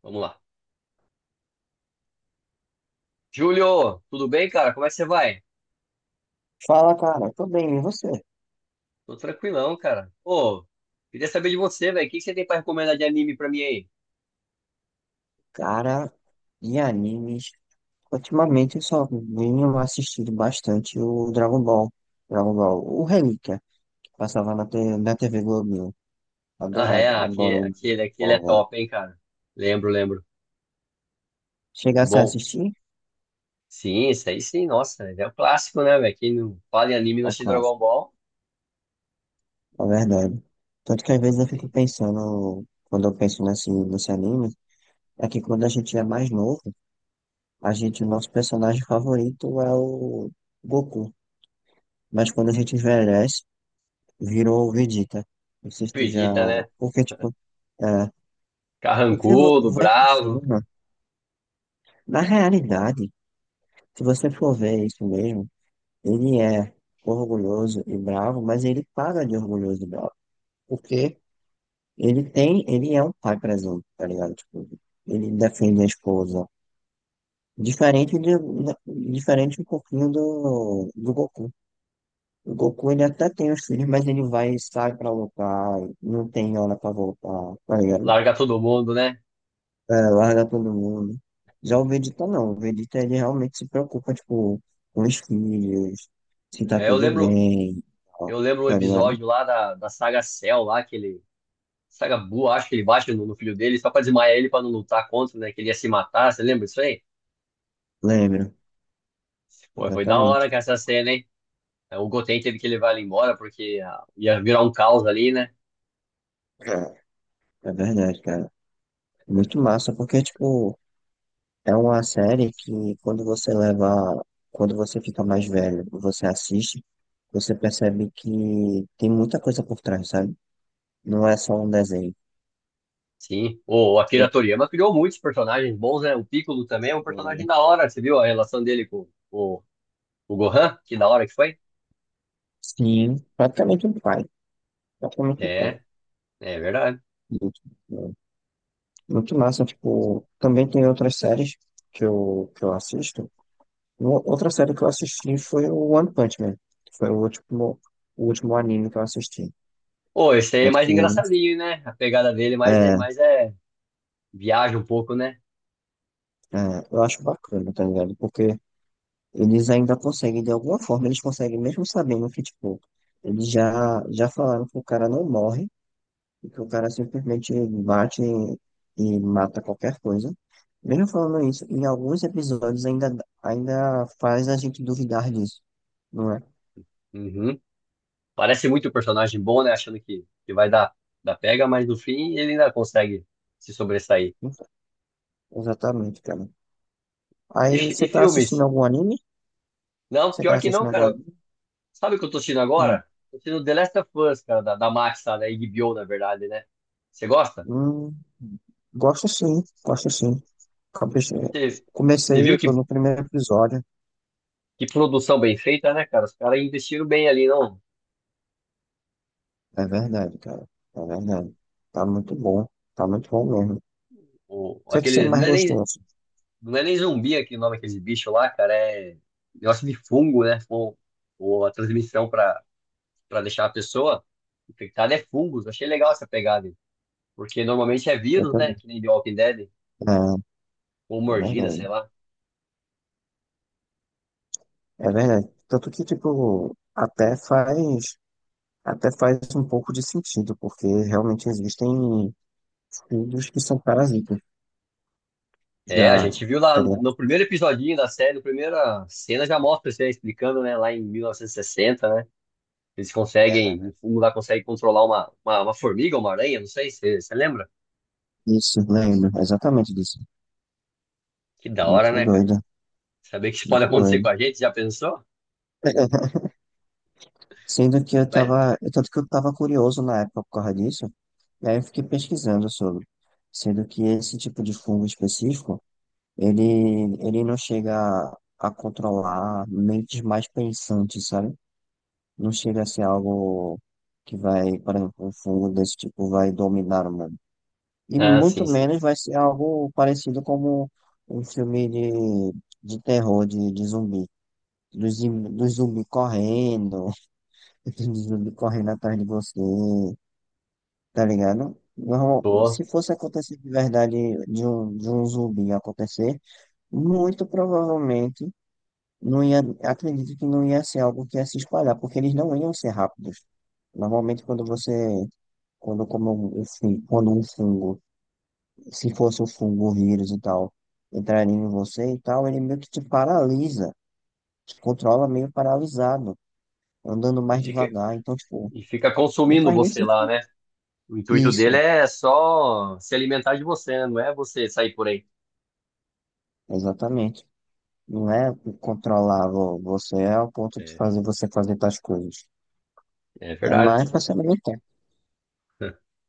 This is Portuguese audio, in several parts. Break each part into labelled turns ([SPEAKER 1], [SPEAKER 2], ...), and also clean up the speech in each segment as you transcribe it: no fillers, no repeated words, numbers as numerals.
[SPEAKER 1] Vamos lá. Júlio, tudo bem, cara? Como é que você vai?
[SPEAKER 2] Fala, cara. Tô bem, e você?
[SPEAKER 1] Tô tranquilão, cara. Ô, queria saber de você, velho. O que que você tem pra recomendar de anime pra mim aí?
[SPEAKER 2] Cara, de animes, ultimamente eu só venho assistindo bastante o Dragon Ball. Dragon Ball, o Relíquia, que passava na TV Globinho.
[SPEAKER 1] Ah, é,
[SPEAKER 2] Adorava,
[SPEAKER 1] aquele,
[SPEAKER 2] adoro o Dragon
[SPEAKER 1] aquele, aquele é
[SPEAKER 2] Ball.
[SPEAKER 1] top, hein, cara? Lembro, lembro.
[SPEAKER 2] Chegasse a
[SPEAKER 1] Bom,
[SPEAKER 2] assistir?
[SPEAKER 1] sim, isso aí sim, nossa, é o clássico, né, velho? Quem não fala em anime e não
[SPEAKER 2] Ó,
[SPEAKER 1] assiste Dragon
[SPEAKER 2] clássico,
[SPEAKER 1] Ball,
[SPEAKER 2] é verdade. Tanto que às vezes
[SPEAKER 1] não
[SPEAKER 2] eu fico
[SPEAKER 1] tem.
[SPEAKER 2] pensando, quando eu penso nesse anime, é que quando a gente é mais novo, a gente, o nosso personagem favorito é o Goku. Mas quando a gente envelhece, virou Vegeta. Não sei se tu já.
[SPEAKER 1] Acredita, né?
[SPEAKER 2] Porque, tipo, é,
[SPEAKER 1] Carrancudo,
[SPEAKER 2] vai
[SPEAKER 1] bravo,
[SPEAKER 2] crescendo. Na realidade, se você for ver isso mesmo, ele é orgulhoso e bravo, mas ele paga de orgulhoso e bravo. Porque ele é um pai presente, tá ligado? Tipo, ele defende a esposa. Diferente de, diferente um pouquinho do Goku. O Goku ele até tem os filhos, mas ele vai, e sai pra lutar, não tem hora pra voltar, tá ligado?
[SPEAKER 1] larga todo mundo, né?
[SPEAKER 2] É, larga todo mundo. Já
[SPEAKER 1] Então,
[SPEAKER 2] o Vegeta não. O Vegeta ele realmente se preocupa, tipo, com os filhos, se tá
[SPEAKER 1] é, eu
[SPEAKER 2] tudo
[SPEAKER 1] lembro,
[SPEAKER 2] bem, ó,
[SPEAKER 1] eu lembro um
[SPEAKER 2] tá ligado?
[SPEAKER 1] episódio lá da saga Cell, lá, que ele Sagabu, acho que ele bate no filho dele só pra desmaiar ele pra não lutar contra, né? Que ele ia se matar, você lembra disso aí?
[SPEAKER 2] Lembro,
[SPEAKER 1] Pô, foi da hora
[SPEAKER 2] exatamente.
[SPEAKER 1] com essa cena, hein? É, o Goten teve que levar ele embora porque ia virar um caos ali, né?
[SPEAKER 2] É, é verdade, cara. Muito massa, porque, tipo, é uma série que quando você fica mais velho, você assiste, você percebe que tem muita coisa por trás, sabe? Não é só um desenho.
[SPEAKER 1] Sim, o
[SPEAKER 2] Eu,
[SPEAKER 1] Akira Toriyama criou muitos personagens bons, né? O Piccolo também é um
[SPEAKER 2] tipo,
[SPEAKER 1] personagem
[SPEAKER 2] é,
[SPEAKER 1] da hora, você viu a relação dele com o Gohan? Que da hora que foi?
[SPEAKER 2] sim, praticamente um pai. Praticamente um pai.
[SPEAKER 1] É, é verdade.
[SPEAKER 2] Muito massa, tipo, também tem outras séries que eu assisto. Outra série que eu assisti foi o One Punch Man, que foi o último anime que eu assisti.
[SPEAKER 1] Pô, esse aí é
[SPEAKER 2] Tanto
[SPEAKER 1] mais
[SPEAKER 2] que
[SPEAKER 1] engraçadinho, né? A pegada dele mais,
[SPEAKER 2] é,
[SPEAKER 1] mais é viaja um pouco, né?
[SPEAKER 2] eu acho bacana, tá ligado? Porque eles ainda conseguem, de alguma forma, eles conseguem, mesmo sabendo que, tipo, eles já falaram que o cara não morre. Porque o cara simplesmente bate e, e mata qualquer coisa. Mesmo falando isso, em alguns episódios ainda faz a gente duvidar disso, não é?
[SPEAKER 1] Uhum. Parece muito um personagem bom, né? Achando que vai dar pega, mas no fim ele ainda consegue se sobressair.
[SPEAKER 2] Então, exatamente, cara.
[SPEAKER 1] E,
[SPEAKER 2] Aí
[SPEAKER 1] fi- e
[SPEAKER 2] você tá assistindo
[SPEAKER 1] filmes?
[SPEAKER 2] algum anime?
[SPEAKER 1] Não,
[SPEAKER 2] Você tá
[SPEAKER 1] pior que não,
[SPEAKER 2] assistindo algum
[SPEAKER 1] cara.
[SPEAKER 2] anime?
[SPEAKER 1] Sabe o que eu tô assistindo
[SPEAKER 2] Hum,
[SPEAKER 1] agora? Tô assistindo The Last of Us, cara, da Max, tá? Da HBO, na verdade, né? Você gosta?
[SPEAKER 2] hum, gosto sim, gosto sim. Comecei,
[SPEAKER 1] Você você
[SPEAKER 2] comecei,
[SPEAKER 1] viu
[SPEAKER 2] eu
[SPEAKER 1] que,
[SPEAKER 2] tô no primeiro episódio.
[SPEAKER 1] que produção bem feita, né, cara? Os caras investiram bem ali, não?
[SPEAKER 2] É verdade, cara. É verdade. Tá muito bom. Tá muito bom mesmo. O que é que você
[SPEAKER 1] Aquele,
[SPEAKER 2] mais
[SPEAKER 1] não é nem,
[SPEAKER 2] gostou, assim?
[SPEAKER 1] não é nem zumbi aquele nome, aquele bicho lá, cara. É negócio de fungo, né? Ou a transmissão para deixar a pessoa infectada é fungos. Achei legal essa pegada, aí, porque normalmente é vírus,
[SPEAKER 2] É,
[SPEAKER 1] né? Que nem The Walking Dead, ou
[SPEAKER 2] é
[SPEAKER 1] mordida, sei
[SPEAKER 2] verdade.
[SPEAKER 1] lá.
[SPEAKER 2] É verdade. Tanto que, tipo, até faz um pouco de sentido, porque realmente existem filhos que são parasitas.
[SPEAKER 1] É, a
[SPEAKER 2] Já,
[SPEAKER 1] gente viu lá
[SPEAKER 2] tá ligado?
[SPEAKER 1] no primeiro episodinho da série, na primeira cena já mostra isso aí, explicando, né? Lá em 1960, né? Eles
[SPEAKER 2] É
[SPEAKER 1] conseguem, o fungo lá consegue controlar uma formiga ou uma aranha, não sei, você lembra?
[SPEAKER 2] isso, lembro, exatamente disso.
[SPEAKER 1] Que da hora,
[SPEAKER 2] Muito
[SPEAKER 1] né, cara?
[SPEAKER 2] doido,
[SPEAKER 1] Saber que isso pode
[SPEAKER 2] muito
[SPEAKER 1] acontecer
[SPEAKER 2] doido.
[SPEAKER 1] com a gente, já pensou?
[SPEAKER 2] Sendo que eu
[SPEAKER 1] Né?
[SPEAKER 2] tava, tanto que eu tava curioso na época por causa disso, e aí eu fiquei pesquisando sobre. Sendo que esse tipo de fungo específico, ele, ele não chega a controlar mentes mais pensantes, sabe? Não chega a ser algo que vai, por exemplo, um fungo desse tipo vai dominar o mundo. E
[SPEAKER 1] Ah, sim,
[SPEAKER 2] muito
[SPEAKER 1] sim.
[SPEAKER 2] menos vai ser algo parecido como um filme de terror, de zumbi. Dos zumbi correndo, dos zumbi correndo atrás de você, tá ligado?
[SPEAKER 1] Pô.
[SPEAKER 2] Se fosse acontecer de verdade de um zumbi acontecer, muito provavelmente não ia, acredito que não ia ser algo que ia se espalhar, porque eles não iam ser rápidos. Normalmente, quando você, quando como quando um fungo, se fosse um fungo, um vírus e tal, entraria em você e tal, ele meio que te paralisa, te controla meio paralisado, andando
[SPEAKER 1] E
[SPEAKER 2] mais
[SPEAKER 1] fica,
[SPEAKER 2] devagar. Então, tipo,
[SPEAKER 1] e fica
[SPEAKER 2] não
[SPEAKER 1] consumindo
[SPEAKER 2] faz nem
[SPEAKER 1] você lá,
[SPEAKER 2] sentido.
[SPEAKER 1] né? O intuito dele
[SPEAKER 2] Isso,
[SPEAKER 1] é só se alimentar de você, né? Não é você sair por aí.
[SPEAKER 2] exatamente. Não é você é ao ponto de
[SPEAKER 1] É,
[SPEAKER 2] fazer você fazer tais coisas.
[SPEAKER 1] é
[SPEAKER 2] É
[SPEAKER 1] verdade.
[SPEAKER 2] mais pra se alimentar.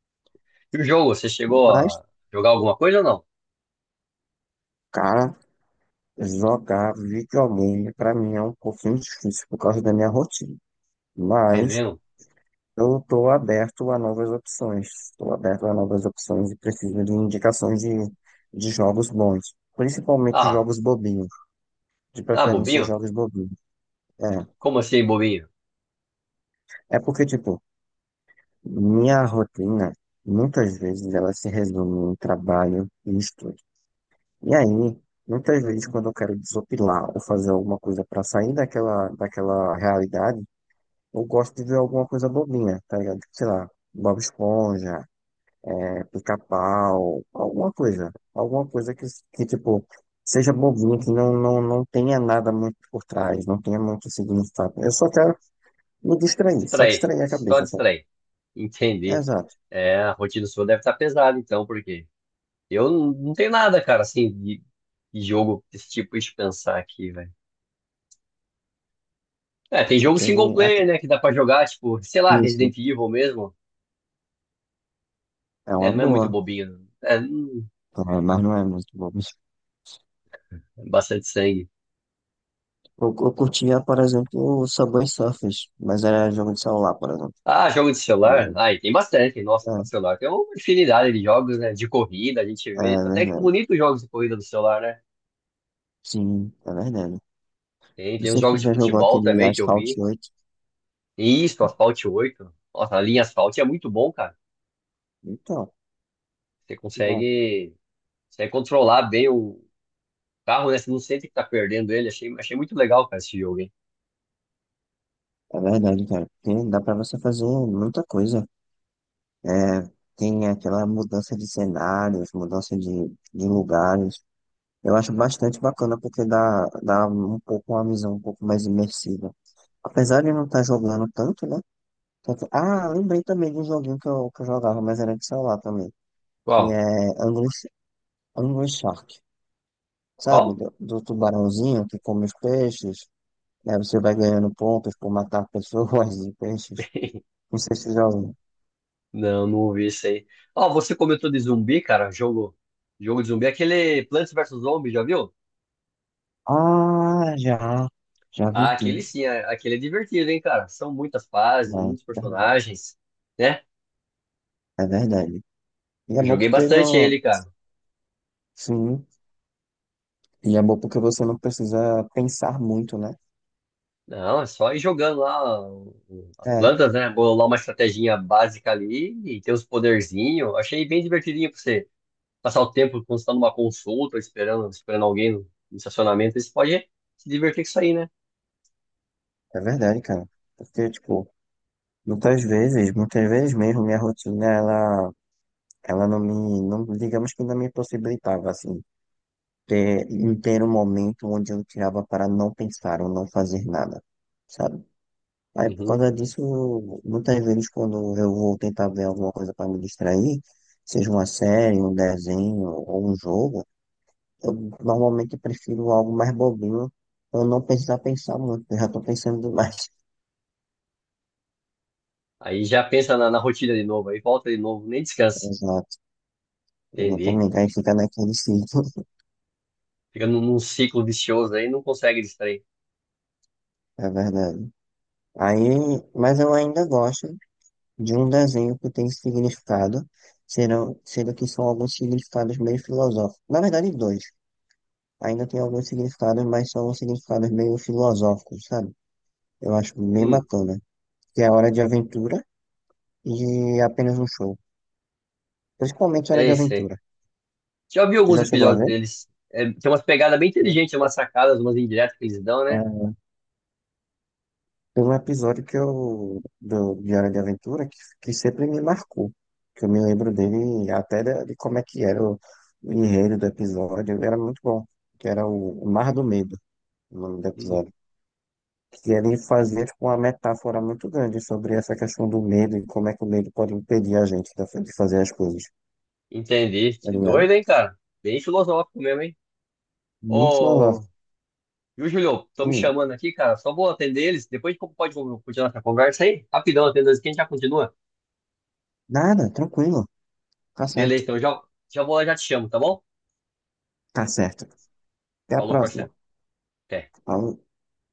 [SPEAKER 1] E o jogo, você chegou
[SPEAKER 2] Mas,
[SPEAKER 1] a jogar alguma coisa ou não?
[SPEAKER 2] cara. Jogar videogame para mim é um pouquinho difícil por causa da minha rotina,
[SPEAKER 1] É
[SPEAKER 2] mas
[SPEAKER 1] mesmo?
[SPEAKER 2] eu estou aberto a novas opções, estou aberto a novas opções e preciso de indicações de jogos bons, principalmente
[SPEAKER 1] Ah,
[SPEAKER 2] jogos bobinhos, de
[SPEAKER 1] ah,
[SPEAKER 2] preferência
[SPEAKER 1] bobinho?
[SPEAKER 2] jogos bobinhos. É,
[SPEAKER 1] Como assim, bobinho?
[SPEAKER 2] é porque, tipo, minha rotina muitas vezes ela se resume em trabalho e estudo. E aí, muitas vezes quando eu quero desopilar ou fazer alguma coisa para sair daquela realidade, eu gosto de ver alguma coisa bobinha, tá ligado? Sei lá, Bob Esponja, é, Pica-Pau, alguma coisa. Alguma coisa que, tipo, seja bobinha, que não, não, não tenha nada muito por trás, não tenha muito significado. Eu só quero me distrair, só
[SPEAKER 1] Distrair,
[SPEAKER 2] distrair a
[SPEAKER 1] só
[SPEAKER 2] cabeça, sabe?
[SPEAKER 1] distrair. Entendi.
[SPEAKER 2] Exato.
[SPEAKER 1] É, a rotina sua deve estar pesada, então, porque eu não tenho nada, cara, assim, de jogo desse tipo, deixa eu pensar aqui, velho. É, tem jogo single
[SPEAKER 2] Aquele, aque-
[SPEAKER 1] player, né, que dá pra jogar, tipo, sei lá,
[SPEAKER 2] isso,
[SPEAKER 1] Resident Evil mesmo,
[SPEAKER 2] é
[SPEAKER 1] né?
[SPEAKER 2] uma
[SPEAKER 1] Não é muito
[SPEAKER 2] boa.
[SPEAKER 1] bobinho. É,
[SPEAKER 2] É, mas não é muito bom.
[SPEAKER 1] é bastante sangue.
[SPEAKER 2] Eu curtia, por exemplo, o Subway Surfers, mas era jogo de celular, por exemplo.
[SPEAKER 1] Ah, jogo de celular? Ai, tem bastante, nossa, para
[SPEAKER 2] É,
[SPEAKER 1] celular. Tem uma infinidade de jogos, né? De corrida, a gente
[SPEAKER 2] é
[SPEAKER 1] vê. Tem até que
[SPEAKER 2] verdade.
[SPEAKER 1] bonito jogos de corrida do celular, né?
[SPEAKER 2] Sim, é verdade.
[SPEAKER 1] Tem,
[SPEAKER 2] Não
[SPEAKER 1] tem os
[SPEAKER 2] sei quem
[SPEAKER 1] jogos de
[SPEAKER 2] já jogou
[SPEAKER 1] futebol
[SPEAKER 2] aquele
[SPEAKER 1] também que eu
[SPEAKER 2] Asphalt
[SPEAKER 1] vi.
[SPEAKER 2] 8.
[SPEAKER 1] Isso, Asphalt oito. Nossa, a linha Asphalt é muito bom, cara.
[SPEAKER 2] Então,
[SPEAKER 1] Você
[SPEAKER 2] bom,
[SPEAKER 1] consegue, consegue controlar bem o carro, né? Você não sente que tá perdendo ele. Achei muito legal, cara, esse jogo, hein?
[SPEAKER 2] é verdade, cara. Tem, dá pra você fazer muita coisa. É, tem aquela mudança de cenários, mudança de lugares. Eu acho bastante bacana porque dá, dá um pouco uma visão um pouco mais imersiva. Apesar de não estar jogando tanto, né? Tanto- Ah, lembrei também de um joguinho que eu jogava, mas era de celular também, que
[SPEAKER 1] Qual?
[SPEAKER 2] é Angry Shark. Sabe,
[SPEAKER 1] Qual?
[SPEAKER 2] do tubarãozinho que come os peixes. Aí você vai ganhando pontos por matar pessoas e peixes. Não sei se você já ouviu.
[SPEAKER 1] Não, não ouvi isso aí. Ó, você comentou de zumbi, cara. Jogo de zumbi. Aquele Plants versus Zombies, já viu?
[SPEAKER 2] Ah, já. Já vi
[SPEAKER 1] Ah, aquele
[SPEAKER 2] sim.
[SPEAKER 1] sim, aquele é divertido, hein, cara? São muitas fases,
[SPEAKER 2] Não,
[SPEAKER 1] muitos personagens, né?
[SPEAKER 2] é verdade. E é
[SPEAKER 1] Eu
[SPEAKER 2] bom
[SPEAKER 1] joguei
[SPEAKER 2] porque
[SPEAKER 1] bastante
[SPEAKER 2] não.
[SPEAKER 1] ele, cara.
[SPEAKER 2] Sim. E é bom porque você não precisa pensar muito, né?
[SPEAKER 1] Não, é só ir jogando lá as
[SPEAKER 2] É,
[SPEAKER 1] plantas, né? Bolar uma estratégia básica ali e ter os poderzinhos. Achei bem divertidinho pra você passar o tempo quando você tá numa consulta, esperando alguém no estacionamento. Aí você pode se divertir com isso aí, né?
[SPEAKER 2] é verdade, cara. Porque, tipo, muitas vezes mesmo, minha rotina, ela não me, não, digamos que não me possibilitava, assim, em ter um momento onde eu tirava para não pensar ou não fazer nada, sabe? Aí por
[SPEAKER 1] Uhum.
[SPEAKER 2] causa disso, muitas vezes quando eu vou tentar ver alguma coisa para me distrair, seja uma série, um desenho ou um jogo, eu normalmente prefiro algo mais bobinho pra eu não precisar pensar muito, eu já estou pensando demais.
[SPEAKER 1] Aí já pensa na rotina de novo, aí volta de novo, nem descansa.
[SPEAKER 2] Exato,
[SPEAKER 1] Entendi.
[SPEAKER 2] exatamente. Aí fica naquele ciclo,
[SPEAKER 1] Fica num ciclo vicioso aí, não consegue distrair.
[SPEAKER 2] é verdade. Aí, mas eu ainda gosto de um desenho que tem significado, sendo que são alguns significados meio filosóficos. Na verdade, dois. Ainda tem alguns significados, mas são significados meio filosóficos, sabe? Eu acho bem
[SPEAKER 1] Hum,
[SPEAKER 2] bacana. Que é a Hora de Aventura e apenas um show. Principalmente Hora de
[SPEAKER 1] Sei, sei.
[SPEAKER 2] Aventura.
[SPEAKER 1] Já vi
[SPEAKER 2] Tu
[SPEAKER 1] alguns
[SPEAKER 2] já chegou a
[SPEAKER 1] episódios
[SPEAKER 2] ver?
[SPEAKER 1] deles. É, tem umas pegadas bem inteligentes, umas sacadas, umas indiretas que eles dão, né?
[SPEAKER 2] É, tem um episódio do, de Hora de Aventura que sempre me marcou. Que eu me lembro dele até de como é que o enredo do episódio. Era muito bom. Que era o Mar do Medo, o nome do
[SPEAKER 1] Hum,
[SPEAKER 2] episódio. Que ele fazia tipo, uma metáfora muito grande sobre essa questão do medo e como é que o medo pode impedir a gente de fazer as coisas,
[SPEAKER 1] Entendi.
[SPEAKER 2] tá
[SPEAKER 1] Que
[SPEAKER 2] ligado?
[SPEAKER 1] doido, hein, cara? Bem filosófico mesmo, hein?
[SPEAKER 2] Muito
[SPEAKER 1] Ô,
[SPEAKER 2] filosófico.
[SPEAKER 1] viu, Julio? Estão me
[SPEAKER 2] Hum,
[SPEAKER 1] chamando aqui, cara. Só vou atender eles. Depois a gente pode continuar essa conversa aí? Rapidão, atendendo eles, que a gente já continua.
[SPEAKER 2] nada, tranquilo. Tá
[SPEAKER 1] Beleza,
[SPEAKER 2] certo.
[SPEAKER 1] então já vou lá, já te chamo, tá bom?
[SPEAKER 2] Tá certo. Até a
[SPEAKER 1] Falou,
[SPEAKER 2] próxima.
[SPEAKER 1] parceiro. Até.
[SPEAKER 2] Falou.